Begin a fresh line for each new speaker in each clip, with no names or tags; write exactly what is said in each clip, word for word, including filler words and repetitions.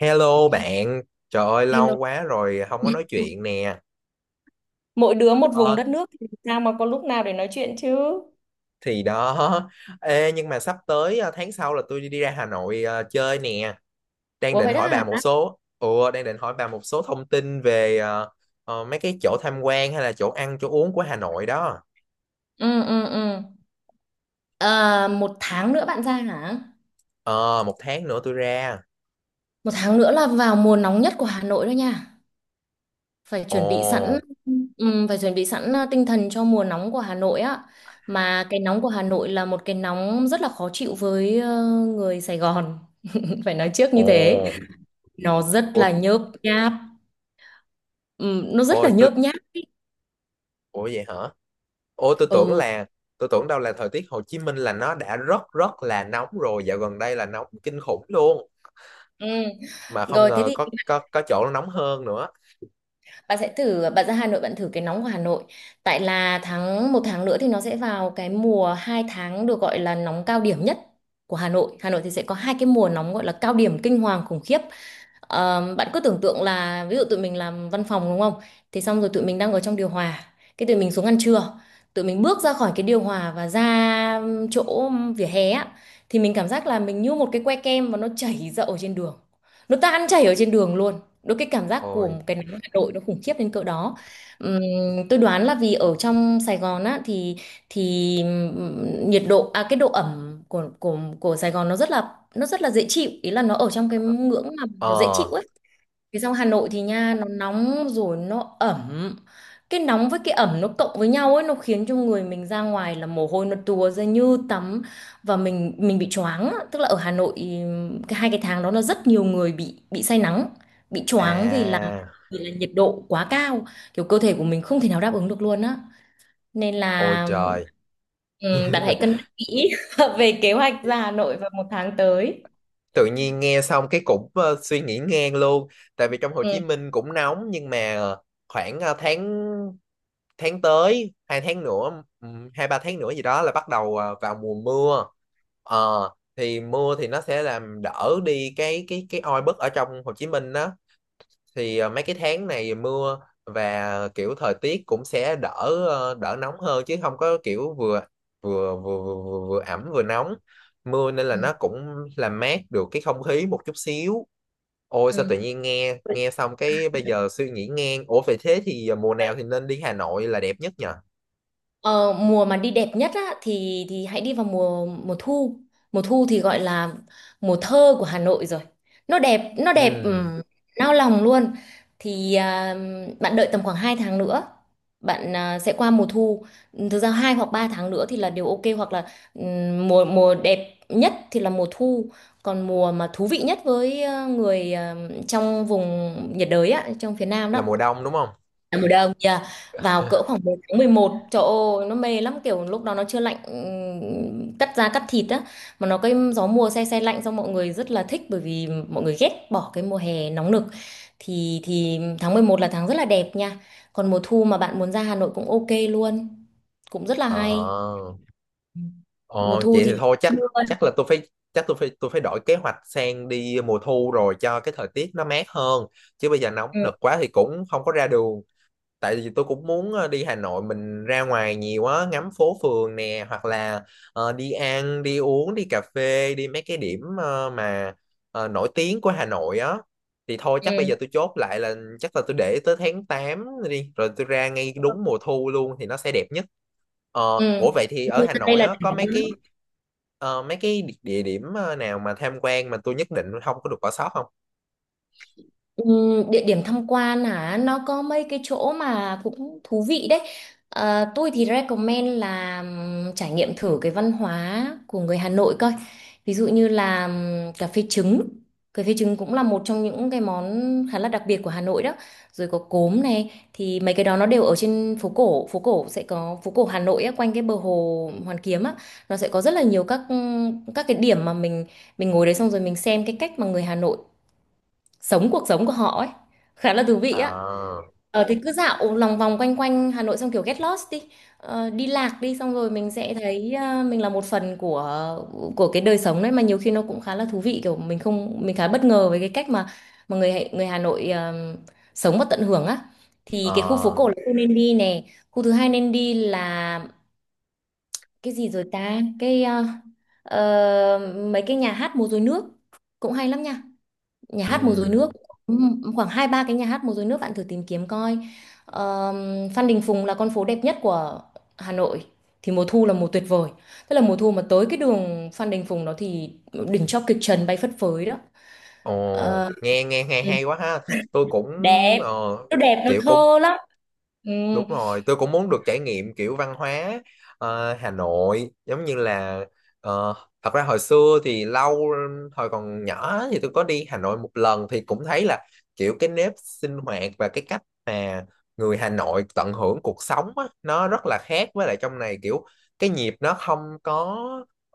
Hello bạn, trời ơi lâu
Hello.
quá rồi không có nói chuyện nè.
Mỗi đứa một vùng
Ờ,
đất nước thì sao mà có lúc nào để nói chuyện chứ?
thì đó. Ê, nhưng mà sắp tới ờ, tháng sau là tôi đi ra Hà Nội ờ, chơi nè. Đang
Ủa
định
vậy đó
hỏi bà một
hả?
số, ủa đang định hỏi bà một số thông tin về ờ, ờ, mấy cái chỗ tham quan hay là chỗ ăn chỗ uống của Hà Nội đó.
Ừ ừ ừ. À, một tháng nữa bạn ra hả?
Ờ, một tháng nữa tôi ra.
Một tháng nữa là vào mùa nóng nhất của Hà Nội đó nha. Phải chuẩn bị sẵn,
Ồ,
ừm, phải chuẩn bị sẵn, à, tinh thần cho mùa nóng của Hà Nội á. Mà cái nóng của Hà Nội là một cái nóng rất là khó chịu với ờ, người Sài Gòn. Phải nói trước
ồ,
như thế. Nó rất
ôi,
là nhớp nháp. Ừm, nó rất là
ôi, tôi,
nhớp nháp. ý.
ủa vậy hả? Ôi, tôi tưởng
Ừ.
là tôi tưởng đâu là thời tiết Hồ Chí Minh là nó đã rất rất là nóng rồi, dạo gần đây là nóng kinh khủng luôn,
Ừ.
mà không
Rồi thế
ngờ
thì
có có có chỗ nó nóng hơn nữa.
bạn sẽ thử, bạn ra Hà Nội bạn thử cái nóng của Hà Nội. Tại là tháng, một tháng nữa thì nó sẽ vào cái mùa hai tháng được gọi là nóng cao điểm nhất của Hà Nội Hà Nội thì sẽ có hai cái mùa nóng gọi là cao điểm kinh hoàng khủng khiếp. Ờ, bạn cứ tưởng tượng là ví dụ tụi mình làm văn phòng đúng không, thì xong rồi tụi mình đang ở trong điều hòa, cái tụi mình xuống ăn trưa, tụi mình bước ra khỏi cái điều hòa và ra chỗ vỉa hè á, thì mình cảm giác là mình như một cái que kem mà nó chảy ra ở trên đường, nó tan chảy ở trên đường luôn. Đôi cái cảm giác của
Ôi.
một cái nắng Hà Nội nó khủng khiếp đến cỡ đó. Ừm, tôi đoán là vì ở trong Sài Gòn á thì thì ừm, nhiệt độ, à cái độ ẩm của của của Sài Gòn nó rất là, nó rất là dễ chịu, ý là nó ở trong cái ngưỡng mà nó dễ chịu
Ờ.
ấy. Cái xong Hà Nội thì nha, nó nóng rồi nó ẩm, cái nóng với cái ẩm nó cộng với nhau ấy, nó khiến cho người mình ra ngoài là mồ hôi nó tùa ra như tắm, và mình mình bị choáng á. Tức là ở Hà Nội, ừm, cái hai cái tháng đó là rất nhiều người bị bị say nắng, bị choáng vì là,
À.
vì là nhiệt độ quá cao, kiểu cơ thể của mình không thể nào đáp ứng được luôn á, nên
Ôi
là
trời.
ừm, bạn hãy cân nhắc kỹ về kế hoạch ra Hà Nội vào một tháng tới.
Tự nhiên nghe xong cái cũng ờ, suy nghĩ ngang luôn. Tại vì trong Hồ Chí
Ừ.
Minh cũng nóng, nhưng mà ờ, khoảng ờ, tháng tháng tới, hai tháng nữa ừm, hai ba tháng nữa gì đó là bắt đầu ờ, vào mùa mưa. Ờ, thì mưa thì nó sẽ làm đỡ đi cái cái cái oi bức ở trong Hồ Chí Minh đó. Thì ờ, mấy cái tháng này mưa, và kiểu thời tiết cũng sẽ đỡ ờ, đỡ nóng hơn, chứ không có kiểu vừa vừa vừa vừa, vừa, vừa ẩm vừa nóng. Mưa nên là
Ừ.
nó cũng làm mát được cái không khí một chút xíu. Ôi, sao
Ừ.
tự nhiên nghe nghe xong cái bây giờ suy nghĩ ngang, ủa vậy thế thì ờ, mùa nào thì nên đi Hà Nội là đẹp nhất nhỉ?
Ờ, mùa mà đi đẹp nhất á, thì thì hãy đi vào mùa mùa thu. Mùa thu thì gọi là mùa thơ của Hà Nội rồi. Nó đẹp, nó đẹp,
Ừ,
ừm, nao lòng luôn. Thì à, bạn đợi tầm khoảng hai tháng nữa, bạn à, sẽ qua mùa thu. Thực ra hai hoặc ba tháng nữa thì là điều ok, hoặc là ừm, mùa mùa đẹp nhất thì là mùa thu. Còn mùa mà thú vị nhất với ờ, người ờ, trong vùng nhiệt đới á, trong phía Nam
là
đó
mùa đông đúng không?
là mùa đông nha, vào cỡ khoảng mười tháng mười một, trời ơi nó mê lắm, kiểu lúc đó nó chưa lạnh, ừm, cắt da cắt thịt á, mà nó cái gió mùa se se lạnh, xong mọi người rất là thích bởi vì mọi người ghét bỏ cái mùa hè nóng nực. Thì thì tháng mười một là tháng rất là đẹp nha. Còn mùa thu mà bạn muốn ra Hà Nội cũng ok luôn, cũng rất là
ờ
hay. Ừ. Mùa
Ờ,
thu
vậy thì
thì
thôi chắc chắc là tôi phải chắc tôi phải tôi phải đổi kế hoạch sang đi mùa thu rồi cho cái thời tiết nó mát hơn, chứ bây giờ nóng
ừ.
nực quá thì cũng không có ra đường. Tại vì tôi cũng muốn ờ, đi Hà Nội mình ra ngoài nhiều á, ngắm phố phường nè, hoặc là ờ, đi ăn đi uống đi cà phê, đi mấy cái điểm ờ, mà ờ, nổi tiếng của Hà Nội á. Thì thôi, chắc bây
Ừ.
giờ tôi chốt lại là chắc là tôi để tới tháng tám đi, rồi tôi ra ngay đúng mùa thu luôn thì nó sẽ đẹp nhất. Ờ,
Ừ.
ủa vậy thì
Mùa
ở
thu
Hà
ra đây
Nội
là
á
đỉnh.
có mấy cái ờ, mấy cái địa địa điểm ờ, nào mà tham quan mà tôi nhất định không có được bỏ sót không?
Ừm, địa điểm tham quan hả, nó có mấy cái chỗ mà cũng thú vị đấy. Ờ, tôi thì recommend là ừm, trải nghiệm thử cái văn hóa của người Hà Nội coi, ví dụ như là ừm, cà phê trứng. Cà phê trứng cũng là một trong những cái món khá là đặc biệt của Hà Nội đó. Rồi có cốm này, thì mấy cái đó nó đều ở trên phố cổ. Phố cổ sẽ có, phố cổ Hà Nội á, quanh cái bờ hồ Hoàn Kiếm á, nó sẽ có rất là nhiều các các cái điểm mà mình mình ngồi đấy xong rồi mình xem cái cách mà người Hà Nội sống cuộc sống của họ ấy, khá là thú vị á.
À.
Ờ thì cứ dạo lòng vòng quanh quanh Hà Nội xong kiểu get lost đi, ờ, đi lạc đi, xong rồi mình sẽ thấy ờ, mình là một phần của của cái đời sống đấy, mà nhiều khi nó cũng khá là thú vị, kiểu mình không, mình khá bất ngờ với cái cách mà mà người Hà- người Hà Nội ờ, sống và tận hưởng á. Thì cái khu phố
Ờ.
cổ là khu nên đi nè. Khu thứ hai nên đi là cái gì rồi ta, cái ờ, ờ, mấy cái nhà hát múa rối nước cũng hay lắm nha, nhà hát múa rối
Ừ.
nước. Ừm, khoảng hai ba cái nhà hát múa rối nước bạn thử tìm kiếm coi. Ờm, Phan Đình Phùng là con phố đẹp nhất của Hà Nội. Thì mùa thu là mùa tuyệt vời, tức là mùa thu mà tới cái đường Phan Đình Phùng đó thì đỉnh cho kịch trần bay phất phới đó.
Ồ,
Ờ,
nghe nghe hay
ừ,
hay quá ha. Tôi cũng,
đẹp,
ờ,
nó đẹp nó
kiểu cũng.
thơ lắm. Ừ.
Đúng rồi, tôi cũng muốn được trải nghiệm kiểu văn hóa ờ, Hà Nội, giống như là ờ, thật ra hồi xưa thì lâu, hồi còn nhỏ thì tôi có đi Hà Nội một lần thì cũng thấy là kiểu cái nếp sinh hoạt và cái cách mà người Hà Nội tận hưởng cuộc sống á, nó rất là khác với lại trong này, kiểu cái nhịp nó không có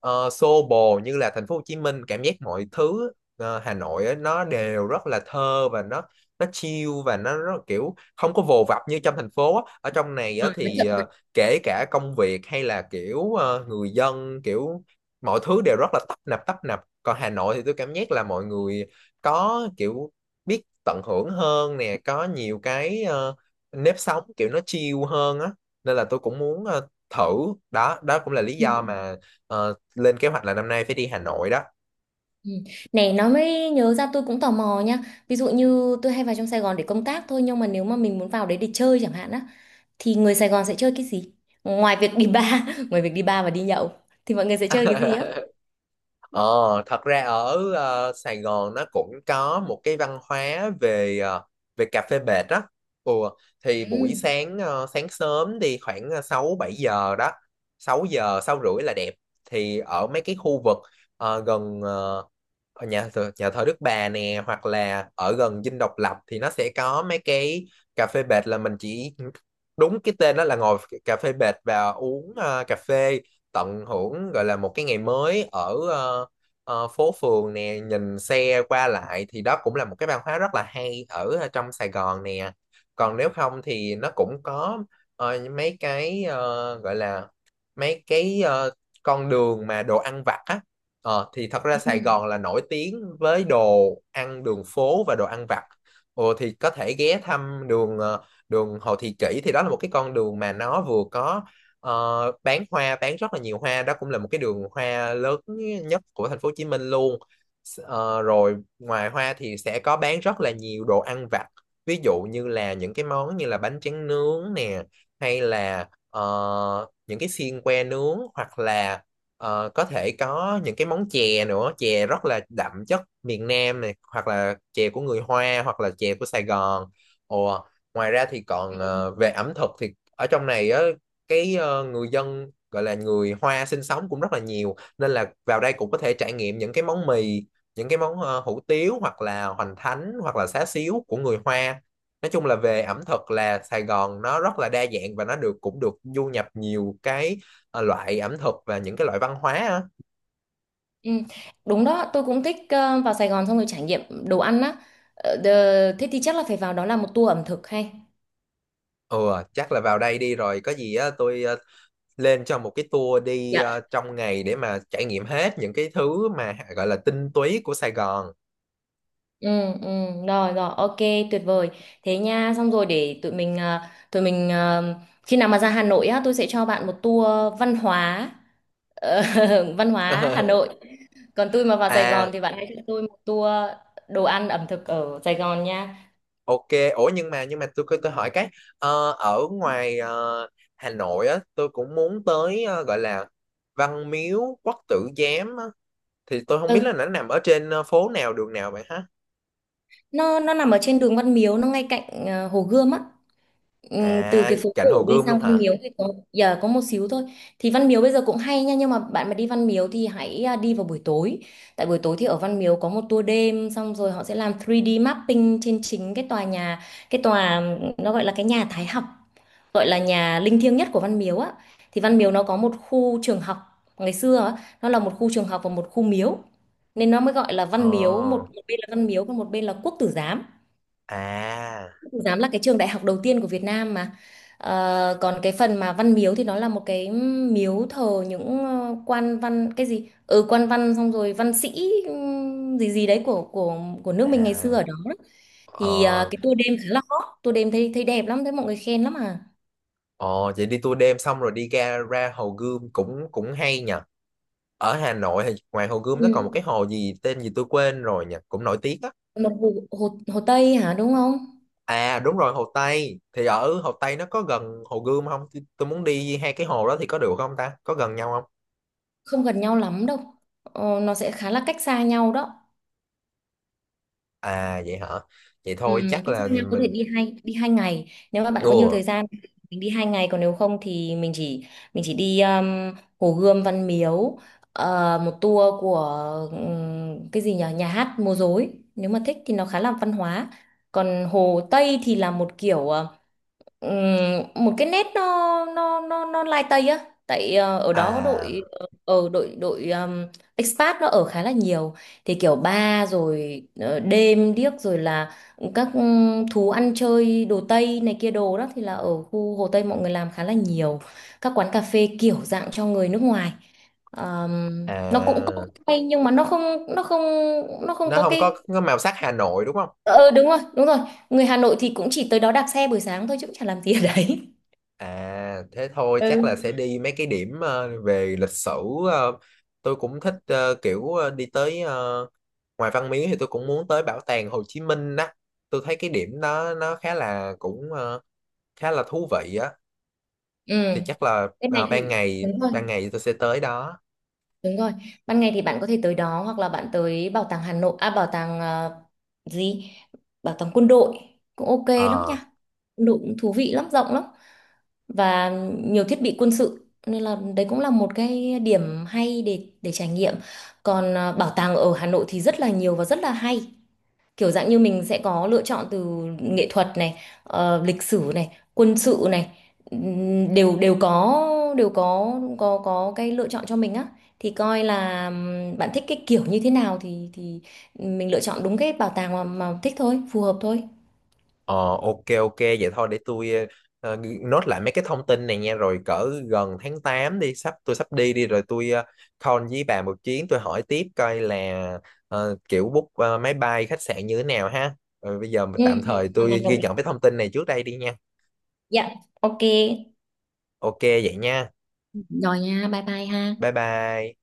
ờ, xô bồ như là thành phố Hồ Chí Minh, cảm giác mọi thứ ờ, Hà Nội á, nó đều rất là thơ và nó nó chill và nó rất, kiểu không có vồ vập như trong thành phố á. Ở trong này á,
Ờ, nó
thì
chậm lại.
ờ, kể cả công việc hay là kiểu ờ, người dân kiểu mọi thứ đều rất là tấp nập tấp nập, còn Hà Nội thì tôi cảm giác là mọi người có kiểu biết tận hưởng hơn nè, có nhiều cái ờ, nếp sống kiểu nó chill hơn á, nên là tôi cũng muốn ờ, thử đó. Đó cũng là lý
Ừ,
do mà ờ, lên kế hoạch là năm nay phải đi Hà Nội đó.
ừ. Này nó mới nhớ ra, tôi cũng tò mò nha. Ví dụ như tôi hay vào trong Sài Gòn để công tác thôi, nhưng mà nếu mà mình muốn vào đấy để chơi chẳng hạn á, thì người Sài Gòn sẽ chơi cái gì ngoài việc đi bar? Ngoài việc đi bar và đi nhậu thì mọi người sẽ chơi cái gì á?
Ờ, thật ra ở ờ, Sài Gòn nó cũng có một cái văn hóa về ờ, về cà phê bệt đó. Ừ, thì buổi
Ừ.
sáng, ờ, sáng sớm đi khoảng ờ, sáu bảy giờ đó. Sáu giờ, sáu rưỡi là đẹp. Thì ở mấy cái khu vực ờ, gần, ờ, ở nhà thờ, nhà thờ Đức Bà nè hoặc là ở gần Dinh Độc Lập thì nó sẽ có mấy cái cà phê bệt, là mình chỉ đúng cái tên đó là ngồi cà phê bệt và uống ờ, cà phê, tận hưởng gọi là một cái ngày mới ở ờ, ờ, phố phường nè, nhìn xe qua lại, thì đó cũng là một cái văn hóa rất là hay ở ờ, trong Sài Gòn nè. Còn nếu không thì nó cũng có ờ, mấy cái ờ, gọi là mấy cái ờ, con đường mà đồ ăn vặt á. Ờ, thì thật ra
Ừ.
Sài Gòn là nổi tiếng với đồ ăn đường phố và đồ ăn vặt. Ồ, thì có thể ghé thăm đường ờ, đường Hồ Thị Kỷ, thì đó là một cái con đường mà nó vừa có ờ, bán hoa, bán rất là nhiều hoa, đó cũng là một cái đường hoa lớn nhất của thành phố Hồ Chí Minh luôn. S- ờ, rồi ngoài hoa thì sẽ có bán rất là nhiều đồ ăn vặt. Ví dụ như là những cái món như là bánh tráng nướng nè, hay là ờ, những cái xiên que nướng, hoặc là Ờ, có thể có những cái món chè nữa, chè rất là đậm chất miền Nam này, hoặc là chè của người Hoa hoặc là chè của Sài Gòn. Ồ, ngoài ra thì còn
Ừ.
ờ, về ẩm thực thì ở trong này á, cái ờ, người dân gọi là người Hoa sinh sống cũng rất là nhiều, nên là vào đây cũng có thể trải nghiệm những cái món mì, những cái món ờ, hủ tiếu hoặc là hoành thánh hoặc là xá xíu của người Hoa. Nói chung là về ẩm thực là Sài Gòn nó rất là đa dạng và nó được cũng được du nhập nhiều cái ờ, loại ẩm thực và những cái loại văn hóa á.
Ừ. Đúng đó, tôi cũng thích ờ, vào Sài Gòn xong rồi trải nghiệm đồ ăn á. Ờ, đờ- thế thì chắc là phải vào đó làm một tour ẩm thực hay.
Ừ, chắc là vào đây đi rồi có gì á tôi ờ, lên cho một cái tour đi
Dạ.
ờ, trong ngày để mà trải nghiệm hết những cái thứ mà gọi là tinh túy của Sài Gòn.
Ừ, ừ. Rồi rồi ok, tuyệt vời. Thế nha, xong rồi để tụi mình ờ, tụi mình ờ, khi nào mà ra Hà Nội á tôi sẽ cho bạn một tour văn hóa, ờ, văn hóa Hà Nội. Còn tôi mà vào Sài Gòn
À,
thì bạn hãy cho tôi một tour đồ ăn ẩm thực ở Sài Gòn nha.
ok, ủa nhưng mà nhưng mà tôi tôi hỏi cái ờ, ở ngoài ờ, Hà Nội á tôi cũng muốn tới ờ, gọi là Văn Miếu Quốc Tử Giám á. Thì tôi không biết là
Ừ,
nó nằm ở trên ờ, phố nào đường nào vậy hả?
nó nó nằm ở trên đường Văn Miếu, nó ngay cạnh ờ, Hồ Gươm á. Ừm, từ
À,
cái phố
cạnh
cổ
Hồ
đi
Gươm
sang
luôn
Văn
hả?
Miếu thì có giờ có một xíu thôi. Thì Văn Miếu bây giờ cũng hay nha, nhưng mà bạn mà đi Văn Miếu thì hãy à, đi vào buổi tối. Tại buổi tối thì ở Văn Miếu có một tour đêm, xong rồi họ sẽ làm three D mapping trên chính cái tòa nhà, cái tòa, nó gọi là cái nhà Thái Học, gọi là nhà linh thiêng nhất của Văn Miếu á. Thì Văn Miếu nó có một khu trường học, ngày xưa á, nó là một khu trường học và một khu miếu, nên nó mới gọi là Văn Miếu. Một,
Ờ.
một bên là Văn Miếu còn một bên là Quốc Tử Giám.
À,
Giám là cái trường đại học đầu tiên của Việt Nam mà. Ờ, còn cái phần mà văn miếu thì nó là một cái miếu thờ những ờ, quan văn, cái gì ừ, quan văn xong rồi văn sĩ, ừm, gì gì đấy của của của nước mình ngày xưa
à.
ở đó. Thì ờ,
Ờ,
cái tour đêm khá là hot, tour đêm thấy, thấy đẹp lắm, thấy mọi người khen lắm à.
ờ, vậy đi tour đêm xong rồi đi ra ra Hồ Gươm cũng cũng hay nhỉ. Ở Hà Nội thì ngoài Hồ Gươm nó còn một
Ừ.
cái hồ gì tên gì tôi quên rồi nhỉ, cũng nổi tiếng á.
Một hồ, hồ, hồ Tây hả đúng không?
À đúng rồi, Hồ Tây. Thì ở Hồ Tây nó có gần Hồ Gươm không? Tôi, tôi muốn đi hai cái hồ đó thì có được không ta? Có gần nhau không?
Không gần nhau lắm đâu, ờ, nó sẽ khá là cách xa nhau đó.
À vậy hả? Vậy
Ừ,
thôi chắc
cách xa
là
nhau, có thể
mình.
đi hai, đi hai ngày nếu mà bạn có nhiều
Ủa,
thời gian thì mình đi hai ngày. Còn nếu không thì mình chỉ mình chỉ đi um, Hồ Gươm, Văn Miếu, ờ, một tour của ừm, cái gì nhỉ, nhà hát múa rối, nếu mà thích thì nó khá là văn hóa. Còn Hồ Tây thì là một kiểu ờ, Ừm, một cái nét, nó nó nó nó lai tây á, tại ờ, ở đó có đội,
à,
ở đội đội um, expat nó ở khá là nhiều, thì kiểu bar rồi ờ, đêm điếc rồi là các ừm, thú ăn chơi đồ tây này kia đồ đó thì là ở khu Hồ Tây mọi người làm khá là nhiều, các quán cà phê kiểu dạng cho người nước ngoài. Ờm, nó cũng cũng
à,
hay nhưng mà nó không nó không nó không
nó
có
không có
cái,
có màu sắc Hà Nội đúng không?
ờ ừ, đúng rồi, đúng rồi. Người Hà Nội thì cũng chỉ tới đó đạp xe buổi sáng thôi chứ cũng chả làm gì ở đấy.
À thế thôi chắc là sẽ
Ừ.
đi mấy cái điểm ờ, về lịch sử, ờ, tôi cũng thích ờ, kiểu ờ, đi tới, ờ, ngoài Văn Miếu thì tôi cũng muốn tới bảo tàng Hồ Chí Minh đó, tôi thấy cái điểm đó nó khá là cũng ờ, khá là thú vị á.
Ừ,
Thì chắc là
bên này
ờ, ban
thì
ngày
đúng rồi,
ban ngày tôi sẽ tới đó.
đúng rồi. Ban ngày thì bạn có thể tới đó, hoặc là bạn tới bảo tàng Hà Nội, à bảo tàng ờ, gì? Bảo tàng quân đội cũng ok lắm nha.
Ờ.
Quân đội cũng thú vị lắm, rộng lắm, và nhiều thiết bị quân sự, nên là đấy cũng là một cái điểm hay để để trải nghiệm. Còn ờ, bảo tàng ở Hà Nội thì rất là nhiều và rất là hay. Kiểu dạng như mình sẽ có lựa chọn từ nghệ thuật này, ờ, lịch sử này, quân sự này, ừm, đều đều có, đều có có có cái lựa chọn cho mình á. Thì coi là ừm, bạn thích cái kiểu như thế nào thì thì mình lựa chọn đúng cái bảo tàng mà, mà thích thôi, phù hợp thôi.
Ờ, ok, ok, vậy thôi để tôi ờ, ờ, nốt lại mấy cái thông tin này nha, rồi cỡ gần tháng tám đi, sắp tôi sắp đi đi rồi tôi uh, call với bà một chuyến, tôi hỏi tiếp coi là ờ, kiểu book ờ, máy bay khách sạn như thế nào ha. Rồi bây giờ mà
Ừ,
tạm
ừ,
thời
hoàn
tôi
toàn đồng
ghi
ý.
nhận cái thông tin này trước đây đi nha.
Dạ. Ok.
Ok vậy nha.
Rồi nha, bye bye ha.
Bye bye.